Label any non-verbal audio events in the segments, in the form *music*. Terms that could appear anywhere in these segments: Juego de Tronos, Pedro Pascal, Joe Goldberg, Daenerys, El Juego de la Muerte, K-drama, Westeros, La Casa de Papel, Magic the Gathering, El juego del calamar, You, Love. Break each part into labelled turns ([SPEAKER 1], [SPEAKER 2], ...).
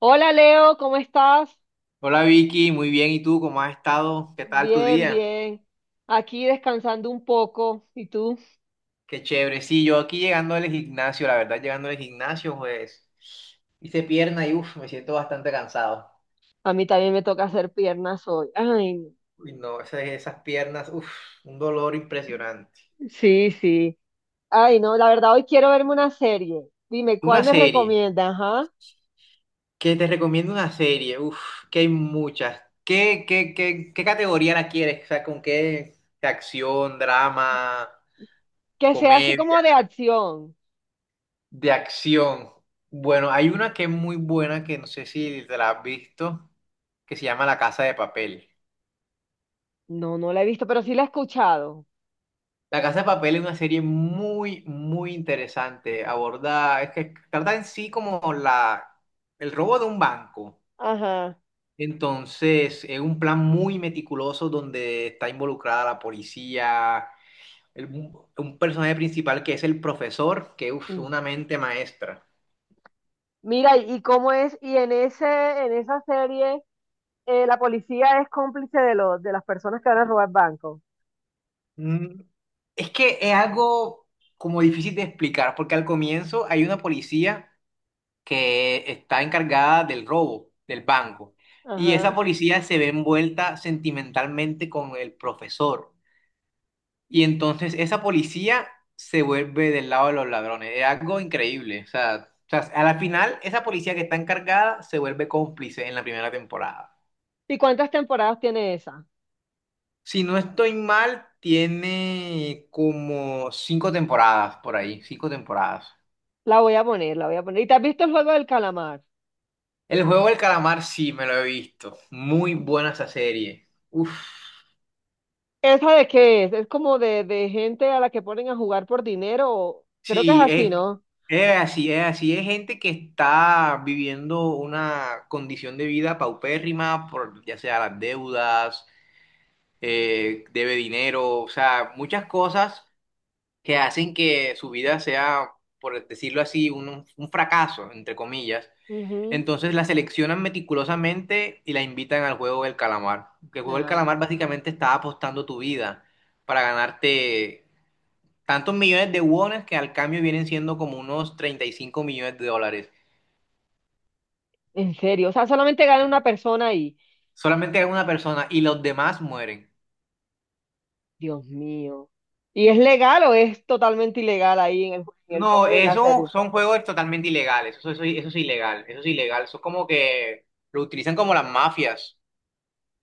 [SPEAKER 1] Hola Leo, ¿cómo estás?
[SPEAKER 2] Hola Vicky, muy bien. ¿Y tú cómo has estado? ¿Qué tal tu
[SPEAKER 1] Bien,
[SPEAKER 2] día?
[SPEAKER 1] bien. Aquí descansando un poco. ¿Y tú?
[SPEAKER 2] Qué chévere. Sí, yo aquí llegando al gimnasio, la verdad, llegando al gimnasio, pues hice pierna y uff, me siento bastante cansado.
[SPEAKER 1] A mí también me toca hacer piernas hoy. Ay, no.
[SPEAKER 2] Uy, no, esas piernas, uff, un dolor impresionante.
[SPEAKER 1] Sí, sí. Ay, no, la verdad hoy quiero verme una serie. Dime, ¿cuál
[SPEAKER 2] Una
[SPEAKER 1] me
[SPEAKER 2] serie,
[SPEAKER 1] recomiendas? Ajá.
[SPEAKER 2] que te recomiendo una serie, uff, que hay muchas. ¿Qué categoría la quieres? O sea, ¿con qué? ¿De acción, drama,
[SPEAKER 1] Que sea así
[SPEAKER 2] comedia?
[SPEAKER 1] como de acción.
[SPEAKER 2] De acción. Bueno, hay una que es muy buena que no sé si te la has visto, que se llama La Casa de Papel.
[SPEAKER 1] No, no la he visto, pero sí la he escuchado.
[SPEAKER 2] La Casa de Papel es una serie muy, muy interesante. Es que trata en sí como el robo de un banco.
[SPEAKER 1] Ajá.
[SPEAKER 2] Entonces, es un plan muy meticuloso donde está involucrada la policía, un personaje principal que es el profesor, que es
[SPEAKER 1] Mm.
[SPEAKER 2] una mente maestra.
[SPEAKER 1] Mira, ¿y cómo es? Y en en esa serie, la policía es cómplice de de las personas que van a robar bancos.
[SPEAKER 2] Mm, Es que es algo como difícil de explicar, porque al comienzo hay una policía que está encargada del robo del banco. Y esa
[SPEAKER 1] Ajá.
[SPEAKER 2] policía se ve envuelta sentimentalmente con el profesor. Y entonces esa policía se vuelve del lado de los ladrones. Es algo increíble. O sea, a la final, esa policía que está encargada se vuelve cómplice en la primera temporada.
[SPEAKER 1] ¿Y cuántas temporadas tiene esa?
[SPEAKER 2] Si no estoy mal, tiene como cinco temporadas por ahí, cinco temporadas.
[SPEAKER 1] La voy a poner. ¿Y te has visto el juego del calamar?
[SPEAKER 2] El juego del calamar sí me lo he visto. Muy buena esa serie. Uf.
[SPEAKER 1] ¿Esa de qué es? Es como de gente a la que ponen a jugar por dinero. Creo que es
[SPEAKER 2] Sí,
[SPEAKER 1] así,
[SPEAKER 2] es,
[SPEAKER 1] ¿no?
[SPEAKER 2] es así, es así. Es gente que está viviendo una condición de vida paupérrima, por, ya sea las deudas, debe dinero, o sea, muchas cosas que hacen que su vida sea, por decirlo así, un fracaso, entre comillas.
[SPEAKER 1] Ujú.
[SPEAKER 2] Entonces la seleccionan meticulosamente y la invitan al juego del calamar. Que el juego del
[SPEAKER 1] Ah,
[SPEAKER 2] calamar básicamente está apostando tu vida para ganarte tantos millones de wones que al cambio vienen siendo como unos 35 millones de dólares.
[SPEAKER 1] en serio. O sea, solamente gana una persona ahí.
[SPEAKER 2] Solamente hay una persona y los demás mueren.
[SPEAKER 1] Dios mío. ¿Y es legal o es totalmente ilegal ahí en en el
[SPEAKER 2] No,
[SPEAKER 1] cómo es en la
[SPEAKER 2] eso
[SPEAKER 1] serie?
[SPEAKER 2] son juegos totalmente ilegales. Eso es ilegal. Eso es ilegal. Eso es como que lo utilizan como las mafias.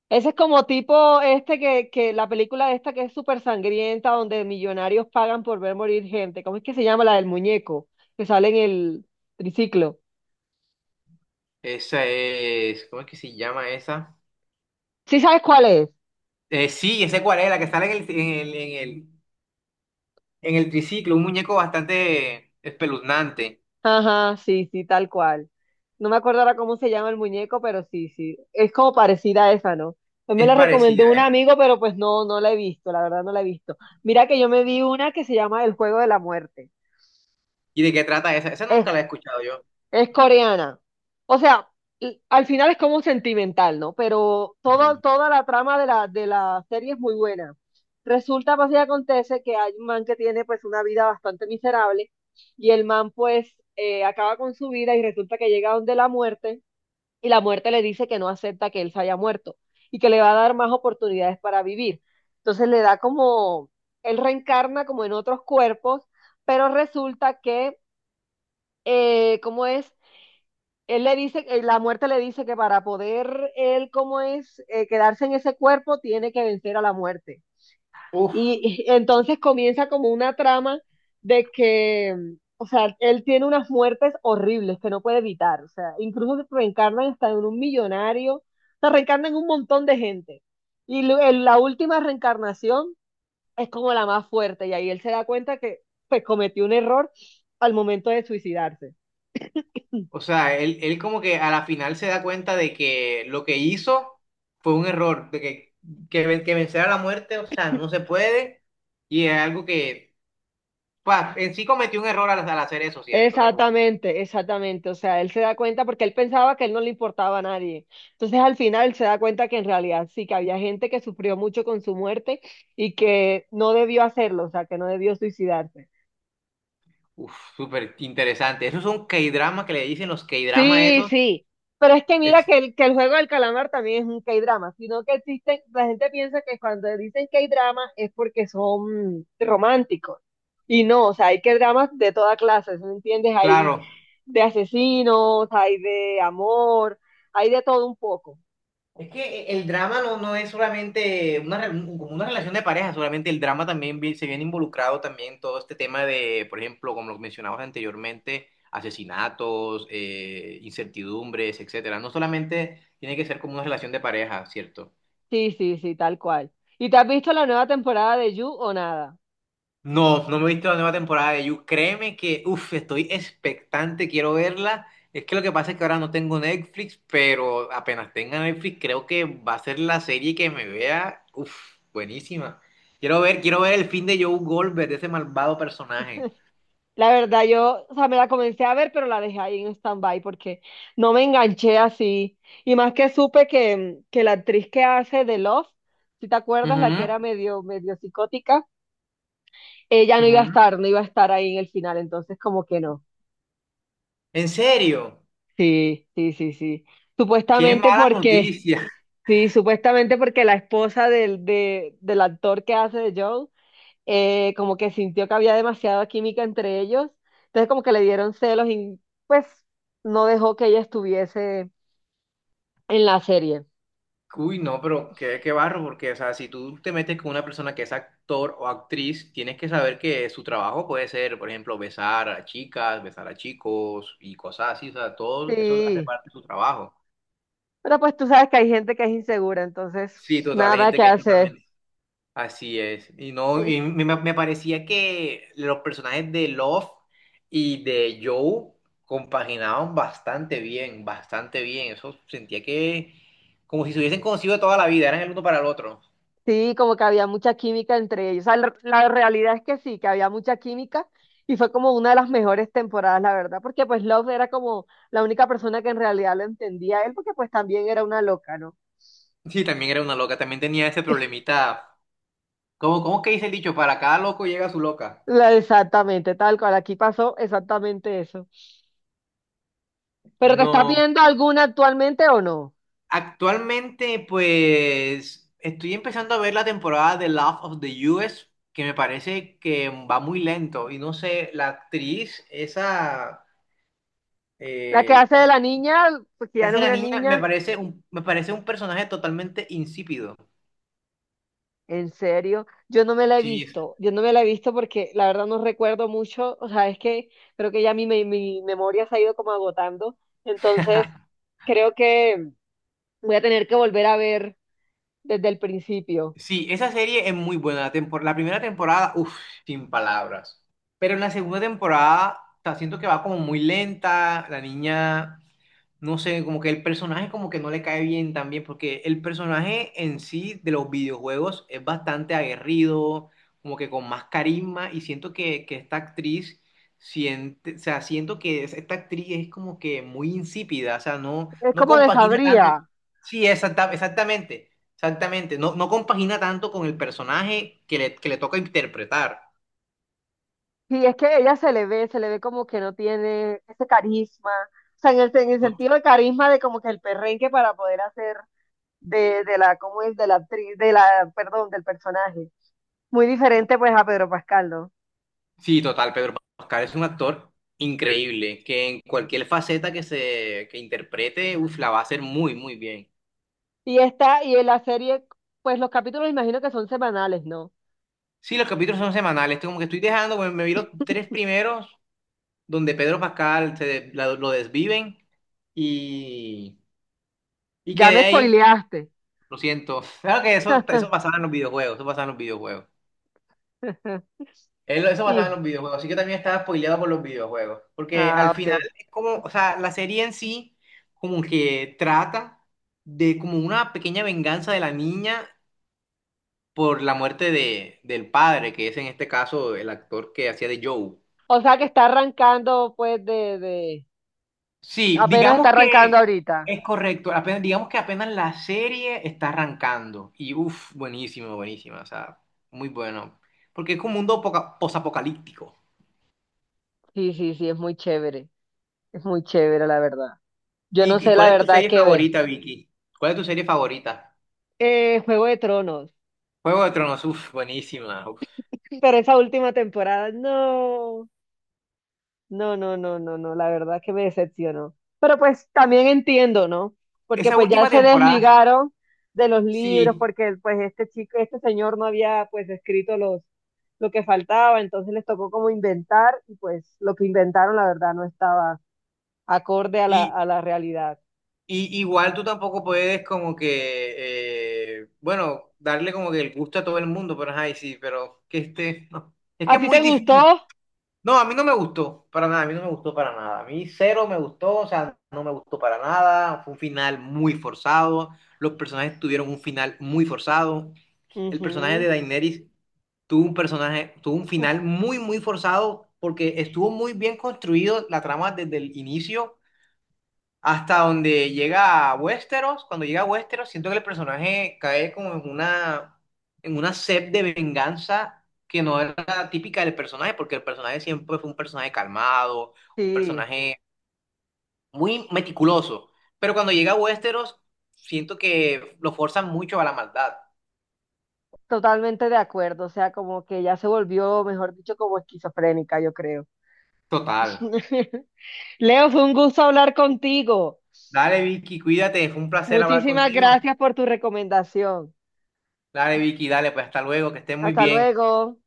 [SPEAKER 1] Ese es como tipo este que la película esta que es súper sangrienta, donde millonarios pagan por ver morir gente. ¿Cómo es que se llama la del muñeco? Que sale en el triciclo.
[SPEAKER 2] Esa es. ¿Cómo es que se llama esa?
[SPEAKER 1] ¿Sí sabes cuál es?
[SPEAKER 2] Sí, ese cuál es, la que sale en el, en el, en el, en el triciclo. Un muñeco bastante espeluznante.
[SPEAKER 1] Ajá, sí, sí, tal cual. No me acuerdo ahora cómo se llama el muñeco, pero sí, sí. Es como parecida a esa, ¿no? Pues me
[SPEAKER 2] Es
[SPEAKER 1] la recomendó
[SPEAKER 2] parecida,
[SPEAKER 1] un
[SPEAKER 2] ¿eh?
[SPEAKER 1] amigo, pero pues no, no la he visto, la verdad no la he visto. Mira que yo me vi una que se llama El Juego de la Muerte.
[SPEAKER 2] ¿Y de qué trata esa? Esa nunca la he escuchado yo.
[SPEAKER 1] Es coreana. O sea, al final es como sentimental, ¿no? Pero toda, toda la trama de de la serie es muy buena. Resulta, pues, y acontece que hay un man que tiene, pues, una vida bastante miserable y el man, pues, acaba con su vida y resulta que llega donde la muerte y la muerte le dice que no acepta que él se haya muerto y que le va a dar más oportunidades para vivir. Entonces le da como, él reencarna como en otros cuerpos, pero resulta que, ¿cómo es? Él le dice, la muerte le dice que para poder él, como es, quedarse en ese cuerpo, tiene que vencer a la muerte.
[SPEAKER 2] Ujú.
[SPEAKER 1] Y entonces comienza como una trama de que, o sea, él tiene unas muertes horribles que no puede evitar. O sea, incluso se reencarnan hasta en un millonario, se reencarnan en un montón de gente. Y en la última reencarnación es como la más fuerte. Y ahí él se da cuenta que pues cometió un error al momento de suicidarse.
[SPEAKER 2] O sea, él como que a la final se da cuenta de que lo que hizo fue un error, de que vencer a la muerte, o sea, no se puede, y es algo que, pa, en sí cometió un error al, al hacer eso, ¿cierto? O sea, como,
[SPEAKER 1] Exactamente, exactamente. O sea, él se da cuenta porque él pensaba que él no le importaba a nadie. Entonces, al final, se da cuenta que en realidad sí, que había gente que sufrió mucho con su muerte y que no debió hacerlo, o sea, que no debió suicidarse.
[SPEAKER 2] uff, súper interesante. Esos son K-dramas que le dicen los K-dramas
[SPEAKER 1] Sí,
[SPEAKER 2] esos,
[SPEAKER 1] sí. Pero es que mira
[SPEAKER 2] es
[SPEAKER 1] que que el juego del calamar también es un K-drama, sino que existen, la gente piensa que cuando dicen K-drama es porque son románticos. Y no, o sea, hay K-dramas de toda clase, ¿sí ¿me entiendes? Hay
[SPEAKER 2] claro.
[SPEAKER 1] de asesinos, hay de amor, hay de todo un poco.
[SPEAKER 2] Es que el drama no es solamente como una relación de pareja, solamente el drama también se viene involucrado también todo este tema de, por ejemplo, como lo mencionabas anteriormente, asesinatos, incertidumbres, etcétera. No solamente tiene que ser como una relación de pareja, ¿cierto?
[SPEAKER 1] Sí, sí, sí, tal cual. ¿Y te has visto la nueva temporada de You o nada?
[SPEAKER 2] No, no me he visto la nueva temporada de You. Créeme que, uff, estoy expectante, quiero verla. Es que lo que pasa es que ahora no tengo Netflix, pero apenas tenga Netflix, creo que va a ser la serie que me vea, uff, buenísima. Quiero ver el fin de Joe Goldberg, de ese malvado personaje.
[SPEAKER 1] La verdad, yo, o sea, me la comencé a ver, pero la dejé ahí en stand-by porque no me enganché así. Y más que supe que la actriz que hace de Love, si te acuerdas, la
[SPEAKER 2] Ujú,
[SPEAKER 1] que era medio, medio psicótica, ella no iba a
[SPEAKER 2] ujú.
[SPEAKER 1] estar, no iba a estar ahí en el final, entonces como que no.
[SPEAKER 2] ¿En serio?
[SPEAKER 1] Sí, sí, sí, sí.
[SPEAKER 2] ¡Qué
[SPEAKER 1] Supuestamente
[SPEAKER 2] mala
[SPEAKER 1] porque
[SPEAKER 2] noticia!
[SPEAKER 1] sí, supuestamente porque la esposa del, del actor que hace de Joe, como que sintió que había demasiada química entre ellos, entonces como que le dieron celos y pues no dejó que ella estuviese en la serie.
[SPEAKER 2] Uy, no, pero qué, qué barro, porque, o sea, si tú te metes con una persona que es actor o actriz, tienes que saber que su trabajo puede ser, por ejemplo, besar a chicas, besar a chicos y cosas así, o sea, todo eso hace
[SPEAKER 1] Sí,
[SPEAKER 2] parte de su trabajo.
[SPEAKER 1] pero pues tú sabes que hay gente que es insegura,
[SPEAKER 2] Sí,
[SPEAKER 1] entonces
[SPEAKER 2] total, hay
[SPEAKER 1] nada
[SPEAKER 2] gente
[SPEAKER 1] que
[SPEAKER 2] que es
[SPEAKER 1] hacer.
[SPEAKER 2] totalmente... Así es. Y no, y
[SPEAKER 1] *laughs*
[SPEAKER 2] me parecía que los personajes de Love y de Joe compaginaban bastante bien, bastante bien. Eso sentía que como si se hubiesen conocido de toda la vida, eran el uno para el otro.
[SPEAKER 1] Sí, como que había mucha química entre ellos. O sea, la realidad es que sí, que había mucha química y fue como una de las mejores temporadas, la verdad, porque pues Love era como la única persona que en realidad lo entendía a él, porque pues también era una loca, ¿no?
[SPEAKER 2] Sí, también era una loca, también tenía ese problemita. ¿Cómo, cómo que dice el dicho? Para cada loco llega su loca.
[SPEAKER 1] Exactamente, tal cual, aquí pasó exactamente eso. ¿Pero te estás
[SPEAKER 2] No.
[SPEAKER 1] viendo alguna actualmente o no?
[SPEAKER 2] Actualmente, pues, estoy empezando a ver la temporada de Love of the US, que me parece que va muy lento. Y no sé, la actriz, esa
[SPEAKER 1] La que
[SPEAKER 2] eh,
[SPEAKER 1] hace de la niña, porque
[SPEAKER 2] que
[SPEAKER 1] ya no
[SPEAKER 2] hace
[SPEAKER 1] es
[SPEAKER 2] la
[SPEAKER 1] una
[SPEAKER 2] niña,
[SPEAKER 1] niña.
[SPEAKER 2] me parece un personaje totalmente insípido.
[SPEAKER 1] En serio, yo no me la he
[SPEAKER 2] Sí,
[SPEAKER 1] visto, yo no me la he visto porque la verdad no recuerdo mucho, o sea, es que creo que ya mi memoria se ha ido como agotando, entonces creo que voy a tener que volver a ver desde el principio.
[SPEAKER 2] sí, esa serie es muy buena. La primera temporada, uff, sin palabras. Pero en la segunda temporada, o sea, siento que va como muy lenta. La niña no sé, como que el personaje como que no le cae bien también, porque el personaje en sí de los videojuegos es bastante aguerrido, como que con más carisma, y siento que, esta actriz, o sea, siento que esta actriz es como que muy insípida, o sea, no,
[SPEAKER 1] Es
[SPEAKER 2] no
[SPEAKER 1] como de
[SPEAKER 2] compagina tanto.
[SPEAKER 1] Sabría,
[SPEAKER 2] Sí, exactamente, exactamente, no compagina tanto con el personaje que le toca interpretar.
[SPEAKER 1] y es que ella se le ve como que no tiene ese carisma, o sea, en en el sentido de carisma de como que el perrenque para poder hacer de la, ¿cómo es? De la actriz, de la, perdón, del personaje. Muy diferente pues a Pedro Pascal, ¿no?
[SPEAKER 2] Sí, total, Pedro Pascal es un actor increíble, que en cualquier faceta que interprete, uf, la va a hacer muy, muy bien.
[SPEAKER 1] Y esta, y en la serie, pues los capítulos imagino que son semanales, ¿no?
[SPEAKER 2] Sí, los capítulos son semanales, esto como que estoy dejando, me vi los tres primeros, donde Pedro Pascal lo desviven y, y
[SPEAKER 1] Ya
[SPEAKER 2] quedé
[SPEAKER 1] me
[SPEAKER 2] ahí,
[SPEAKER 1] spoileaste.
[SPEAKER 2] lo siento. Claro que eso pasaba en los videojuegos, eso pasaba en los videojuegos. Él,
[SPEAKER 1] *laughs*
[SPEAKER 2] eso basado en
[SPEAKER 1] Y,
[SPEAKER 2] los videojuegos, así que también estaba spoileado por los videojuegos, porque
[SPEAKER 1] ah,
[SPEAKER 2] al
[SPEAKER 1] ok.
[SPEAKER 2] final es como, o sea, la serie en sí como que trata de como una pequeña venganza de la niña por la muerte del padre, que es en este caso el actor que hacía de Joe.
[SPEAKER 1] O sea que está arrancando, pues,
[SPEAKER 2] Sí,
[SPEAKER 1] apenas está
[SPEAKER 2] digamos
[SPEAKER 1] arrancando
[SPEAKER 2] que
[SPEAKER 1] ahorita.
[SPEAKER 2] es correcto, apenas, digamos que apenas la serie está arrancando y uff, buenísimo, buenísima, o sea, muy bueno, porque es como un mundo posapocalíptico.
[SPEAKER 1] Sí, sí, sí, es muy chévere. Es muy chévere, la verdad. Yo no
[SPEAKER 2] ¿Y
[SPEAKER 1] sé
[SPEAKER 2] cuál
[SPEAKER 1] la
[SPEAKER 2] es tu
[SPEAKER 1] verdad
[SPEAKER 2] serie
[SPEAKER 1] qué ver.
[SPEAKER 2] favorita, Vicky? ¿Cuál es tu serie favorita?
[SPEAKER 1] Juego de Tronos.
[SPEAKER 2] Juego de Tronos, uf, buenísima. Uf.
[SPEAKER 1] Pero esa última temporada, no. No, no, no, no, no, la verdad que me decepcionó. Pero pues también entiendo, ¿no? Porque
[SPEAKER 2] Esa
[SPEAKER 1] pues ya
[SPEAKER 2] última
[SPEAKER 1] se
[SPEAKER 2] temporada,
[SPEAKER 1] desligaron de los libros,
[SPEAKER 2] sí,
[SPEAKER 1] porque pues este chico, este señor no había pues escrito los, lo que faltaba, entonces les tocó como inventar y pues lo que inventaron la verdad no estaba acorde a
[SPEAKER 2] y,
[SPEAKER 1] a la realidad.
[SPEAKER 2] y igual tú tampoco puedes como que, bueno, darle como que el gusto a todo el mundo, pero ay, sí, pero que este, no. Es
[SPEAKER 1] ¿A
[SPEAKER 2] que es
[SPEAKER 1] ti
[SPEAKER 2] muy
[SPEAKER 1] te gustó?
[SPEAKER 2] difícil. No, a mí no me gustó, para nada, a mí no me gustó para nada. A mí cero me gustó, o sea, no me gustó para nada. Fue un final muy forzado, los personajes tuvieron un final muy forzado. El personaje de
[SPEAKER 1] Ujú.
[SPEAKER 2] Daenerys tuvo un personaje, tuvo un
[SPEAKER 1] Uf,
[SPEAKER 2] final muy, muy forzado porque estuvo muy bien construido la trama desde el inicio hasta donde llega a Westeros. Cuando llega a Westeros, siento que el personaje cae como en una sed de venganza que no era típica del personaje, porque el personaje siempre fue un personaje calmado, un
[SPEAKER 1] sí,
[SPEAKER 2] personaje muy meticuloso. Pero cuando llega a Westeros, siento que lo forzan mucho a la maldad.
[SPEAKER 1] totalmente de acuerdo, o sea, como que ya se volvió, mejor dicho, como esquizofrénica, yo creo.
[SPEAKER 2] Total.
[SPEAKER 1] *laughs* Leo, fue un gusto hablar contigo.
[SPEAKER 2] Dale, Vicky, cuídate, fue un placer hablar
[SPEAKER 1] Muchísimas
[SPEAKER 2] contigo.
[SPEAKER 1] gracias por tu recomendación.
[SPEAKER 2] Dale, Vicky, dale, pues hasta luego, que estén muy
[SPEAKER 1] Hasta
[SPEAKER 2] bien.
[SPEAKER 1] luego.